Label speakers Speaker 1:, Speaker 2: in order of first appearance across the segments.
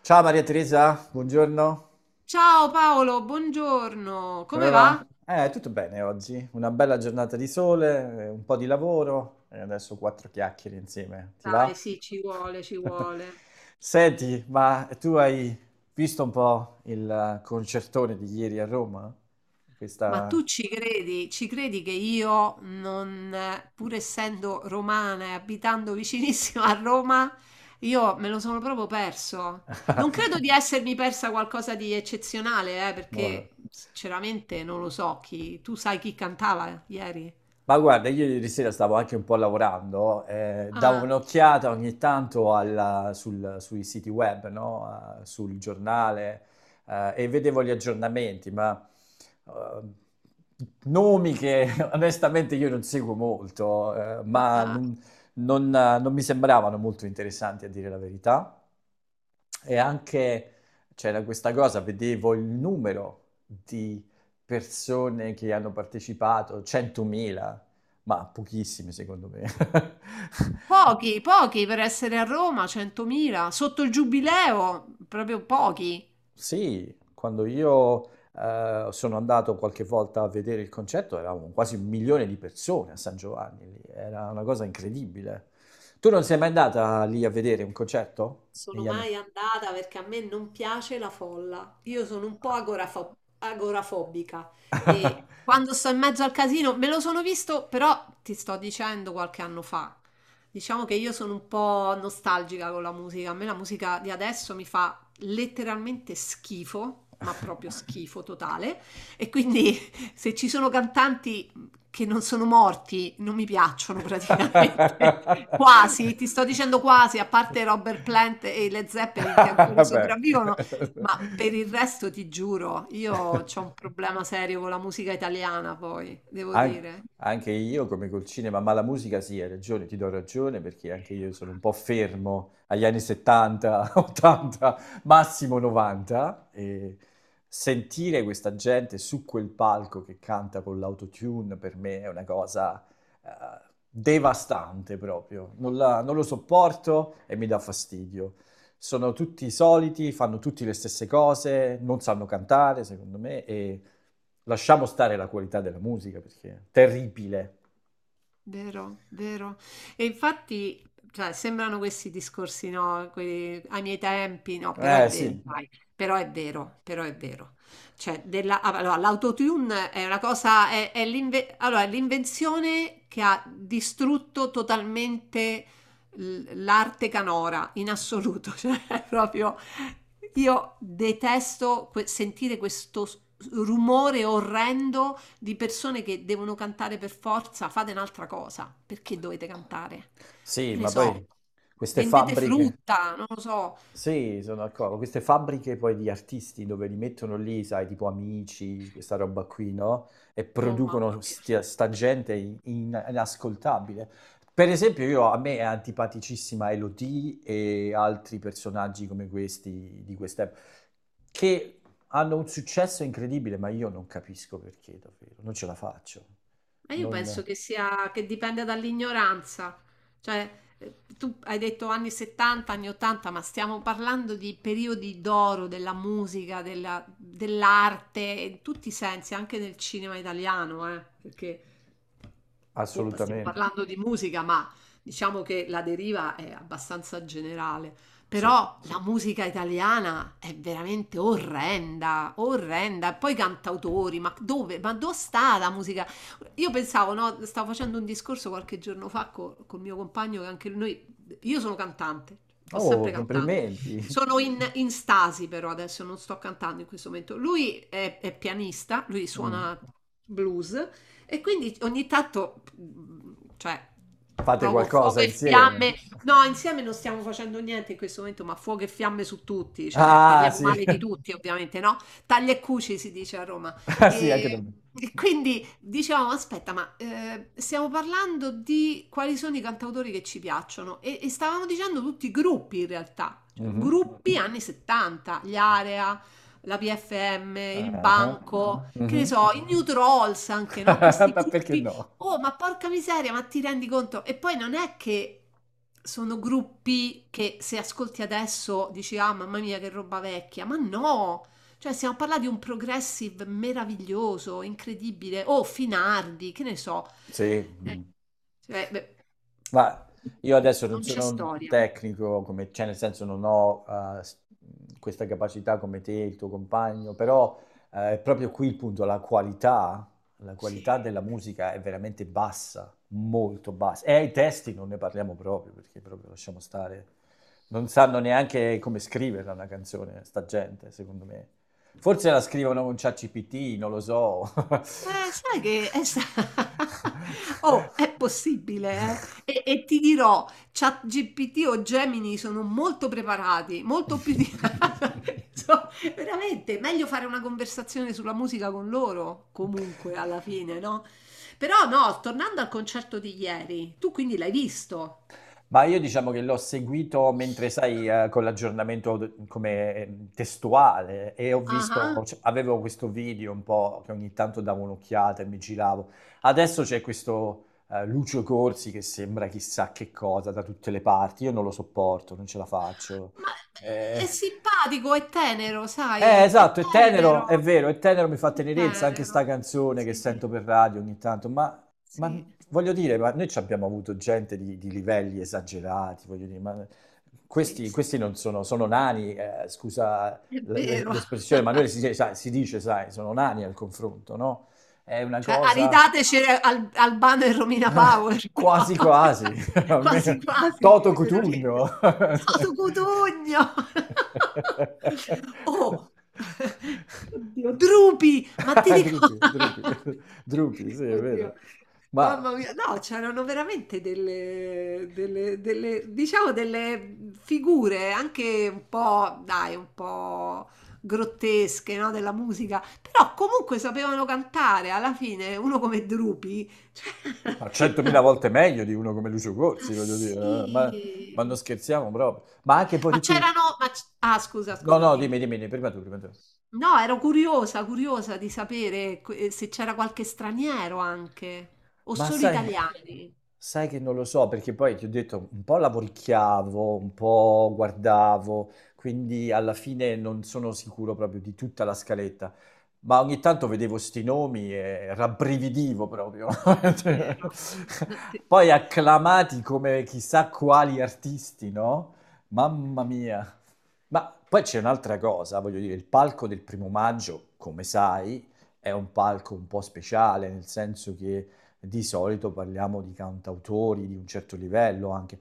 Speaker 1: Ciao Maria Teresa, buongiorno,
Speaker 2: Ciao Paolo, buongiorno.
Speaker 1: come
Speaker 2: Come va?
Speaker 1: va? Tutto bene oggi, una bella giornata di sole, un po' di lavoro e adesso quattro chiacchiere insieme, ti
Speaker 2: Dai,
Speaker 1: va?
Speaker 2: sì, ci vuole, ci vuole.
Speaker 1: Senti, ma tu hai visto un po' il concertone di ieri a Roma?
Speaker 2: Ma
Speaker 1: Questa...
Speaker 2: tu ci credi? Ci credi che io non, pur essendo romana e abitando vicinissimo a Roma, io me lo sono proprio perso. Non credo di essermi persa qualcosa di eccezionale,
Speaker 1: Boh.
Speaker 2: perché sinceramente non lo so chi. Tu sai chi cantava ieri?
Speaker 1: Ma guarda, io ieri sera stavo anche un po' lavorando, davo
Speaker 2: Ah,
Speaker 1: un'occhiata ogni tanto sui siti web, no? Sul giornale, e vedevo gli aggiornamenti, ma eh, nomi che onestamente io non seguo molto,
Speaker 2: ah,
Speaker 1: ma
Speaker 2: ah.
Speaker 1: non mi sembravano molto interessanti a dire la verità. E anche c'era questa cosa, vedevo il numero di persone che hanno partecipato, 100.000, ma pochissime secondo me.
Speaker 2: Pochi, pochi per essere a Roma, 100.000, sotto il giubileo, proprio pochi.
Speaker 1: Sì, quando io sono andato qualche volta a vedere il concerto eravamo quasi un milione di persone a San Giovanni, lì. Era una cosa incredibile. Tu non sei mai andata lì a vedere un concerto
Speaker 2: Sono
Speaker 1: negli anni?
Speaker 2: mai andata perché a me non piace la folla. Io sono un po' agorafobica
Speaker 1: Ah.
Speaker 2: e quando sto in mezzo al casino me lo sono visto, però ti sto dicendo qualche anno fa. Diciamo che io sono un po' nostalgica con la musica. A me la musica di adesso mi fa letteralmente schifo, ma proprio schifo totale. E quindi se ci sono cantanti che non sono morti non mi piacciono praticamente. Quasi, ti sto dicendo quasi, a parte Robert Plant e le Zeppelin che ancora
Speaker 1: Vabbè.
Speaker 2: sopravvivono, ma per il resto ti giuro, io ho un problema serio con la musica italiana, poi, devo
Speaker 1: An-
Speaker 2: dire.
Speaker 1: Anche io, come col cinema, ma la musica sì, hai ragione, ti do ragione, perché anche io sono un po' fermo agli anni 70, 80, massimo 90, e sentire questa gente su quel palco che canta con l'autotune per me è una cosa eh, devastante proprio, non lo sopporto e mi dà fastidio. Sono tutti soliti, fanno tutti le stesse cose, non sanno cantare, secondo me, e lasciamo stare la qualità della musica perché è terribile.
Speaker 2: Vero, vero. E infatti, cioè, sembrano questi discorsi, no? Quelli, ai miei tempi, no, però è
Speaker 1: Eh
Speaker 2: vero,
Speaker 1: sì,
Speaker 2: dai, però è vero, però è vero. Cioè, della, ah, allora, l'autotune è una cosa, è l'invenzione che ha distrutto totalmente l'arte canora, in assoluto. Cioè, è proprio, io detesto sentire questo rumore orrendo di persone che devono cantare per forza, fate un'altra cosa. Perché dovete cantare?
Speaker 1: sì,
Speaker 2: Che ne
Speaker 1: ma
Speaker 2: so. Sì,
Speaker 1: poi queste
Speaker 2: vendete
Speaker 1: fabbriche.
Speaker 2: frutta, non lo so.
Speaker 1: Sì, sono d'accordo. Queste fabbriche poi di artisti dove li mettono lì, sai, tipo Amici, questa roba qui, no? E
Speaker 2: Oh mamma
Speaker 1: producono
Speaker 2: mia.
Speaker 1: sta gente inascoltabile. Per esempio, io, a me è antipaticissima Elodie e altri personaggi come questi di quest'epoca, che hanno un successo incredibile, ma io non capisco perché, davvero. Non ce la faccio.
Speaker 2: Ma io penso
Speaker 1: Non...
Speaker 2: che sia, che dipende dall'ignoranza. Cioè, tu hai detto anni 70, anni 80, ma stiamo parlando di periodi d'oro della musica, dell'arte, in tutti i sensi, anche nel cinema italiano, perché oh, stiamo
Speaker 1: Assolutamente.
Speaker 2: parlando di musica, ma diciamo che la deriva è abbastanza generale.
Speaker 1: Sì.
Speaker 2: Però la musica italiana è veramente orrenda, orrenda. Poi cantautori, ma dove sta la musica? Io pensavo, no, stavo facendo un discorso qualche giorno fa col mio compagno, che anche lui, io sono cantante, ho
Speaker 1: Oh,
Speaker 2: sempre cantato,
Speaker 1: complimenti.
Speaker 2: sono in stasi però adesso, non sto cantando in questo momento. Lui è pianista, lui
Speaker 1: Mm.
Speaker 2: suona blues e quindi ogni tanto, cioè,
Speaker 1: Fate
Speaker 2: poco
Speaker 1: qualcosa
Speaker 2: fuoco e
Speaker 1: insieme.
Speaker 2: fiamme, no, insieme non stiamo facendo niente in questo momento, ma fuoco e fiamme su tutti, cioè
Speaker 1: Ah,
Speaker 2: parliamo
Speaker 1: sì.
Speaker 2: male di tutti ovviamente, no? Taglia e cuci si dice a Roma.
Speaker 1: Ah, sì, anche da
Speaker 2: E,
Speaker 1: me.
Speaker 2: e quindi dicevamo, aspetta, ma stiamo parlando di quali sono i cantautori che ci piacciono e stavamo dicendo tutti i gruppi in realtà, cioè
Speaker 1: Mhm.
Speaker 2: gruppi anni 70, gli Area, la PFM, il
Speaker 1: Ah, ah.
Speaker 2: Banco, che ne
Speaker 1: Mhm.
Speaker 2: so, i New Trolls anche, no? Questi
Speaker 1: Ma perché
Speaker 2: gruppi.
Speaker 1: no?
Speaker 2: Oh, ma porca miseria, ma ti rendi conto? E poi non è che sono gruppi che se ascolti adesso dici, ah, mamma mia, che roba vecchia, ma no, cioè, stiamo parlando di un progressive meraviglioso, incredibile, o Finardi, che ne so.
Speaker 1: Sì.
Speaker 2: Eh,
Speaker 1: Mm.
Speaker 2: cioè, beh,
Speaker 1: Ma io adesso non
Speaker 2: non c'è
Speaker 1: sono un
Speaker 2: storia.
Speaker 1: tecnico, come, cioè nel senso non ho eh, s- questa capacità come te, il tuo compagno, però è proprio qui il punto, la
Speaker 2: Sì.
Speaker 1: qualità della musica è veramente bassa, molto bassa. E ai testi non ne parliamo proprio, perché proprio lasciamo stare. Non sanno neanche come scriverla una canzone, sta gente, secondo me. Forse la scrivono con ChatGPT, non lo so.
Speaker 2: Sai che è Oh, è possibile, eh? E ti dirò, ChatGPT o Gemini sono molto preparati, molto più di... So, veramente, meglio fare una conversazione sulla musica con loro, comunque, alla fine, no? Però no, tornando al concerto di ieri, tu quindi l'hai visto?
Speaker 1: Ma io diciamo che l'ho seguito mentre, sai, con l'aggiornamento come testuale e ho
Speaker 2: Ah,
Speaker 1: visto,
Speaker 2: ah.
Speaker 1: cioè, avevo questo video un po' che ogni tanto davo un'occhiata e mi giravo. Adesso c'è questo Lucio Corsi che sembra chissà che cosa da tutte le parti, io non lo sopporto, non ce la faccio.
Speaker 2: Ma
Speaker 1: Eh,
Speaker 2: è simpatico, è tenero,
Speaker 1: Eh,
Speaker 2: sai? È
Speaker 1: esatto, è tenero, è
Speaker 2: tenero,
Speaker 1: vero, è tenero, mi fa
Speaker 2: è
Speaker 1: tenerezza anche sta
Speaker 2: tenero.
Speaker 1: canzone che
Speaker 2: Sì.
Speaker 1: sento per radio ogni tanto, ma,
Speaker 2: Sì,
Speaker 1: voglio dire, ma noi ci abbiamo avuto gente di livelli esagerati, voglio dire, ma
Speaker 2: sì,
Speaker 1: questi,
Speaker 2: sì,
Speaker 1: questi non sono, sono nani, scusa
Speaker 2: è vero.
Speaker 1: l'espressione, ma noi si, sai, si dice, sai, sono nani al confronto, no? È una
Speaker 2: Cioè,
Speaker 1: cosa
Speaker 2: aridateci Albano e Romina Power,
Speaker 1: quasi
Speaker 2: però.
Speaker 1: quasi,
Speaker 2: Quasi
Speaker 1: almeno
Speaker 2: quasi,
Speaker 1: Toto
Speaker 2: veramente.
Speaker 1: Cutugno.
Speaker 2: Toto Cutugno! Oh, oddio, Drupi, ma ti ricordi?
Speaker 1: Drupi, Drupi, Drupi, sì, è
Speaker 2: Oddio,
Speaker 1: vero. Ma,
Speaker 2: mamma mia, no, c'erano veramente delle figure anche un po', dai, un po'. Grottesche, no, della musica, però comunque sapevano cantare alla fine, uno come Drupi.
Speaker 1: ma
Speaker 2: Cioè...
Speaker 1: 100.000 volte meglio di uno come Lucio
Speaker 2: Ah,
Speaker 1: Corsi, voglio dire, eh, ma, ma non
Speaker 2: sì.
Speaker 1: scherziamo proprio. Ma anche poi
Speaker 2: Ma
Speaker 1: tutti...
Speaker 2: c'erano... Ah, scusa,
Speaker 1: No,
Speaker 2: scusa,
Speaker 1: no,
Speaker 2: dimmi.
Speaker 1: dimmi, dimmi, prima tu, prima tu.
Speaker 2: No, ero curiosa, curiosa di sapere se c'era qualche straniero anche, o
Speaker 1: Ma
Speaker 2: solo
Speaker 1: sai,
Speaker 2: italiani.
Speaker 1: sai che non lo so, perché poi ti ho detto, un po' lavoricchiavo, un po' guardavo, quindi alla fine non sono sicuro proprio di tutta la scaletta, ma ogni tanto vedevo sti nomi e rabbrividivo proprio.
Speaker 2: Vero. No,
Speaker 1: Poi acclamati come chissà quali artisti, no? Mamma mia. Ma poi c'è un'altra cosa, voglio dire, il palco del primo maggio, come sai, è un palco un po' speciale, nel senso che di solito parliamo di cantautori di un certo livello anche.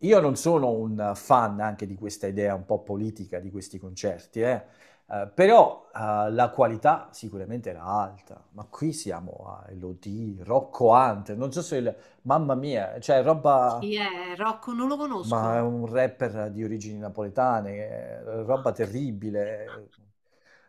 Speaker 1: Io non sono un fan anche di questa idea un po' politica di questi concerti, però la qualità sicuramente era alta, ma qui siamo a Elodie, Rocco Hunter, non so se mamma mia, cioè roba.
Speaker 2: Chi è? Rocco? Non lo
Speaker 1: Ma è
Speaker 2: conosco.
Speaker 1: un rapper di origini napoletane,
Speaker 2: Ah,
Speaker 1: roba
Speaker 2: ok.
Speaker 1: terribile.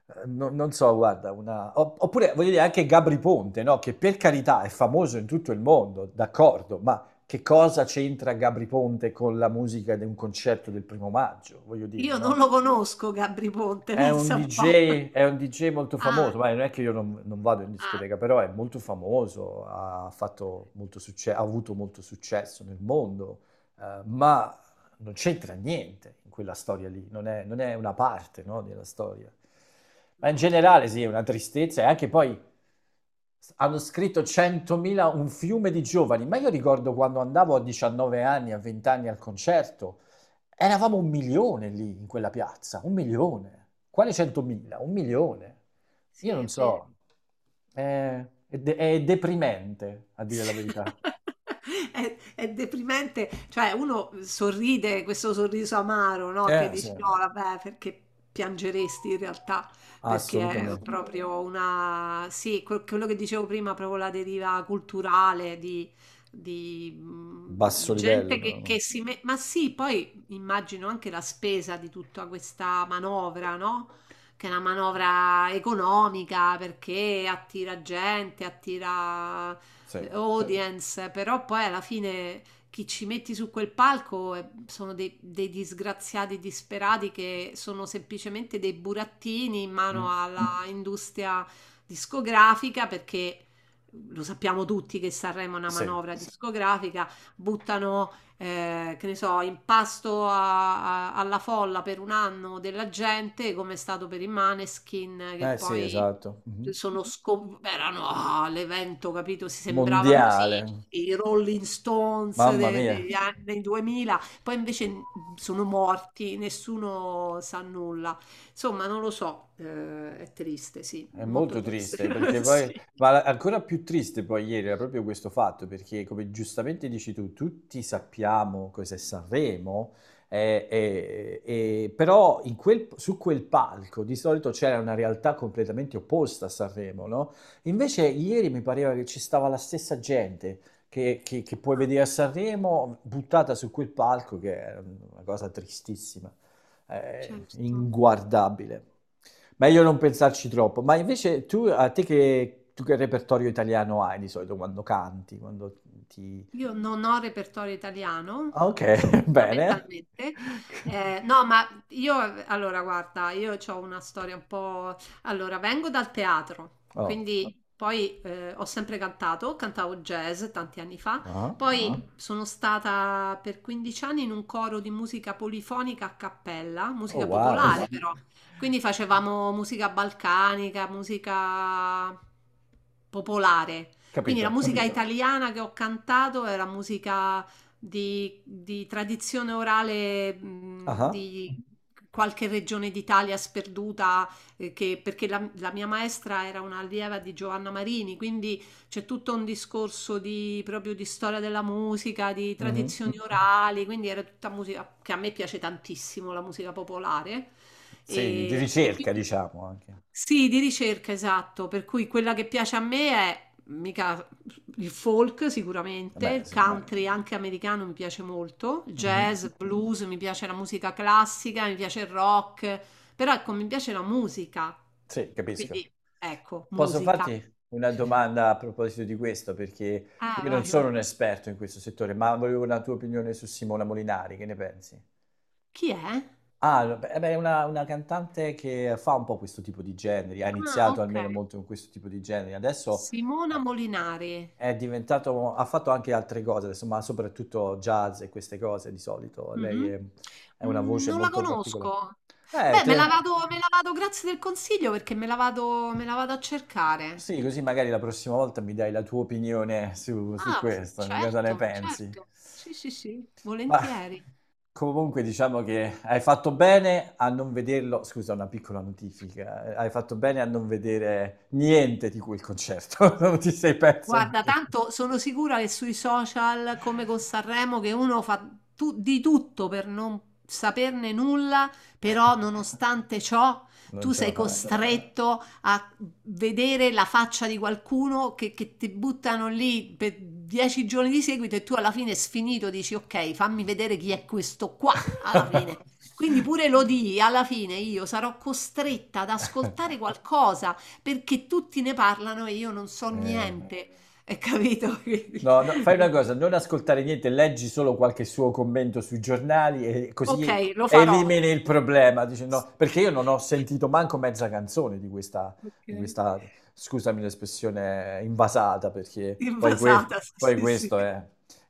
Speaker 1: Non so, guarda, Oppure, voglio dire, anche Gabri Ponte, no? Che per carità è famoso in tutto il mondo, d'accordo, ma che cosa c'entra Gabri Ponte con la musica di un concerto del primo maggio? Voglio dire,
Speaker 2: Io
Speaker 1: no?
Speaker 2: non lo conosco, Gabri Ponte,
Speaker 1: È un
Speaker 2: pensa un po'.
Speaker 1: DJ, è un DJ molto
Speaker 2: Ah,
Speaker 1: famoso, ma non è che io non vado in
Speaker 2: ah.
Speaker 1: discoteca, però è molto famoso, ha avuto molto successo nel mondo, ma non c'entra niente in quella storia lì, non è una parte, no, della storia. Ma in
Speaker 2: No,
Speaker 1: generale sì, è una tristezza e anche poi hanno scritto 100.000, un fiume di giovani, ma io ricordo quando andavo a 19 anni, a 20 anni al concerto. Eravamo un milione lì in quella piazza, un milione. Quali 100.000? Un milione. Io
Speaker 2: sì,
Speaker 1: non
Speaker 2: è vero.
Speaker 1: so. È è deprimente, a dire la verità.
Speaker 2: È deprimente, cioè uno sorride questo sorriso amaro, no? Che
Speaker 1: Sì,
Speaker 2: dici no, vabbè, perché piangeresti in realtà, perché ma è sì,
Speaker 1: assolutamente.
Speaker 2: proprio una, sì, quello che dicevo prima, proprio la deriva culturale di,
Speaker 1: Basso livello,
Speaker 2: gente che,
Speaker 1: però.
Speaker 2: che si mette, ma sì, poi immagino anche la spesa di tutta questa manovra, no? Che è una manovra economica perché attira gente, attira
Speaker 1: Sì.
Speaker 2: audience, però poi alla fine chi ci metti su quel palco sono dei disgraziati disperati che sono semplicemente dei burattini in mano
Speaker 1: Mm.
Speaker 2: alla industria discografica perché lo sappiamo tutti che Sanremo è una
Speaker 1: Sì.
Speaker 2: manovra discografica, buttano che ne so, impasto alla folla per un anno della gente, come è stato per i Maneskin, che
Speaker 1: Sì,
Speaker 2: poi
Speaker 1: esatto. Mhm.
Speaker 2: sono erano ah, l'evento, capito? Si sembravano sì,
Speaker 1: Mondiale.
Speaker 2: i Rolling Stones
Speaker 1: Mamma mia.
Speaker 2: degli anni 2000, poi invece sono morti, nessuno sa nulla. Insomma, non lo so, è triste, sì,
Speaker 1: È
Speaker 2: molto
Speaker 1: molto
Speaker 2: triste.
Speaker 1: triste perché poi,
Speaker 2: Sì.
Speaker 1: ancora più triste poi ieri era proprio questo fatto perché come giustamente dici tu, tutti sappiamo cos'è Sanremo, però su quel palco di solito c'era una realtà completamente opposta a Sanremo, no? Invece ieri mi pareva che ci stava la stessa gente che puoi
Speaker 2: Ah,
Speaker 1: vedere a Sanremo buttata su quel palco che è una cosa tristissima,
Speaker 2: certo.
Speaker 1: inguardabile. Meglio non pensarci troppo, ma invece tu, tu che repertorio italiano hai di solito quando canti, ti...
Speaker 2: Io non ho repertorio
Speaker 1: Ah,
Speaker 2: italiano,
Speaker 1: ok,
Speaker 2: so,
Speaker 1: bene.
Speaker 2: fondamentalmente. No, ma io, allora, guarda, io ho una storia un po'... Allora, vengo dal teatro,
Speaker 1: Oh,
Speaker 2: quindi poi ho sempre cantato, cantavo jazz tanti anni fa, ah,
Speaker 1: ah.
Speaker 2: poi ah, sono stata per 15 anni in un coro di musica polifonica a cappella,
Speaker 1: Oh,
Speaker 2: musica oh,
Speaker 1: wow,
Speaker 2: popolare wow. Però, quindi facevamo musica balcanica, musica popolare. Quindi la
Speaker 1: capito.
Speaker 2: musica, capito? Italiana che ho cantato era musica di tradizione orale,
Speaker 1: Ah,
Speaker 2: di qualche regione d'Italia sperduta, perché la mia maestra era una allieva di Giovanna Marini, quindi c'è tutto un discorso di, proprio di storia della musica, di
Speaker 1: mhm.
Speaker 2: tradizioni orali, quindi era tutta musica che a me piace tantissimo, la musica popolare.
Speaker 1: Sì, di
Speaker 2: E
Speaker 1: ricerca
Speaker 2: quindi
Speaker 1: diciamo anche.
Speaker 2: sì, di ricerca, esatto, per cui quella che piace a me è mica il folk sicuramente, il
Speaker 1: Beh,
Speaker 2: beh,
Speaker 1: sì.
Speaker 2: country anche americano mi piace molto, il
Speaker 1: Mhm.
Speaker 2: jazz, blues, mi piace la musica classica, mi piace il rock, però ecco, mi piace la musica.
Speaker 1: Sì, capisco.
Speaker 2: Quindi ecco,
Speaker 1: Posso
Speaker 2: musica.
Speaker 1: farti una domanda a proposito di questo? Perché
Speaker 2: Ah,
Speaker 1: io non
Speaker 2: vai, vai.
Speaker 1: sono un esperto in questo settore, ma volevo una tua opinione su Simona Molinari, che ne pensi?
Speaker 2: Chi è? Ah,
Speaker 1: Ah, beh, è una cantante che fa un po' questo tipo di generi, ha iniziato
Speaker 2: ok.
Speaker 1: almeno molto con questo tipo di generi, adesso
Speaker 2: Simona
Speaker 1: eh,
Speaker 2: Molinari.
Speaker 1: è diventato, ha fatto anche altre cose, insomma, soprattutto jazz e queste cose di solito.
Speaker 2: Mhm.
Speaker 1: È una
Speaker 2: Mm,
Speaker 1: voce
Speaker 2: non la
Speaker 1: molto particolare.
Speaker 2: conosco. Beh, me la
Speaker 1: Tre.
Speaker 2: vado, me la vado, grazie del consiglio perché me la vado a cercare.
Speaker 1: Sì, così magari la prossima volta mi dai la tua opinione su, su
Speaker 2: Ah,
Speaker 1: questo, di cosa ne
Speaker 2: certo,
Speaker 1: pensi.
Speaker 2: certo. Sì, sì, sì,
Speaker 1: Ma
Speaker 2: volentieri.
Speaker 1: comunque diciamo che hai fatto bene a non vederlo, scusa, una piccola notifica, hai fatto bene a non vedere niente di quel concerto, non ti sei perso
Speaker 2: Guarda,
Speaker 1: niente.
Speaker 2: tanto sono sicura che sui social, come con Sanremo, che uno fa di tutto per non saperne nulla, però nonostante ciò
Speaker 1: Non
Speaker 2: tu
Speaker 1: ce
Speaker 2: sei
Speaker 1: la fai.
Speaker 2: costretto a vedere la faccia di qualcuno che ti buttano lì per 10 giorni di seguito e tu alla fine sfinito dici ok, fammi vedere chi è questo qua alla fine. Quindi pure lo di, alla fine io sarò costretta ad ascoltare qualcosa perché tutti ne parlano e io non so
Speaker 1: Eh.
Speaker 2: niente. Hai capito? Quindi,
Speaker 1: No, no, fai una cosa, non ascoltare niente, leggi solo qualche suo commento sui giornali e
Speaker 2: ok,
Speaker 1: così
Speaker 2: lo farò.
Speaker 1: elimini il problema. Dici, no, perché io non ho sentito manco mezza canzone di questa, di
Speaker 2: Ok.
Speaker 1: questa- scusami l'espressione, invasata, perché poi,
Speaker 2: Invasata,
Speaker 1: poi
Speaker 2: sì, sì, sì.
Speaker 1: questo è...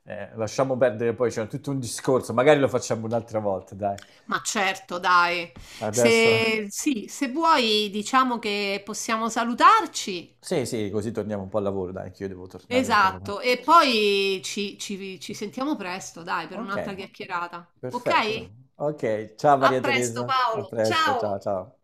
Speaker 1: lasciamo perdere poi, c'è tutto un discorso, magari lo facciamo un'altra volta, dai.
Speaker 2: Ma certo, dai.
Speaker 1: Adesso...
Speaker 2: Se, sì, se vuoi, diciamo che possiamo salutarci.
Speaker 1: Sì, sì, così torniamo un po' al lavoro, dai, che io devo tornare un po' al lavoro.
Speaker 2: Esatto, e poi ci sentiamo presto, dai, per
Speaker 1: Ok,
Speaker 2: un'altra chiacchierata. Ok?
Speaker 1: perfetto. Ok, ciao
Speaker 2: A
Speaker 1: Maria
Speaker 2: presto,
Speaker 1: Teresa, a
Speaker 2: Paolo.
Speaker 1: presto, ciao
Speaker 2: Ciao.
Speaker 1: ciao.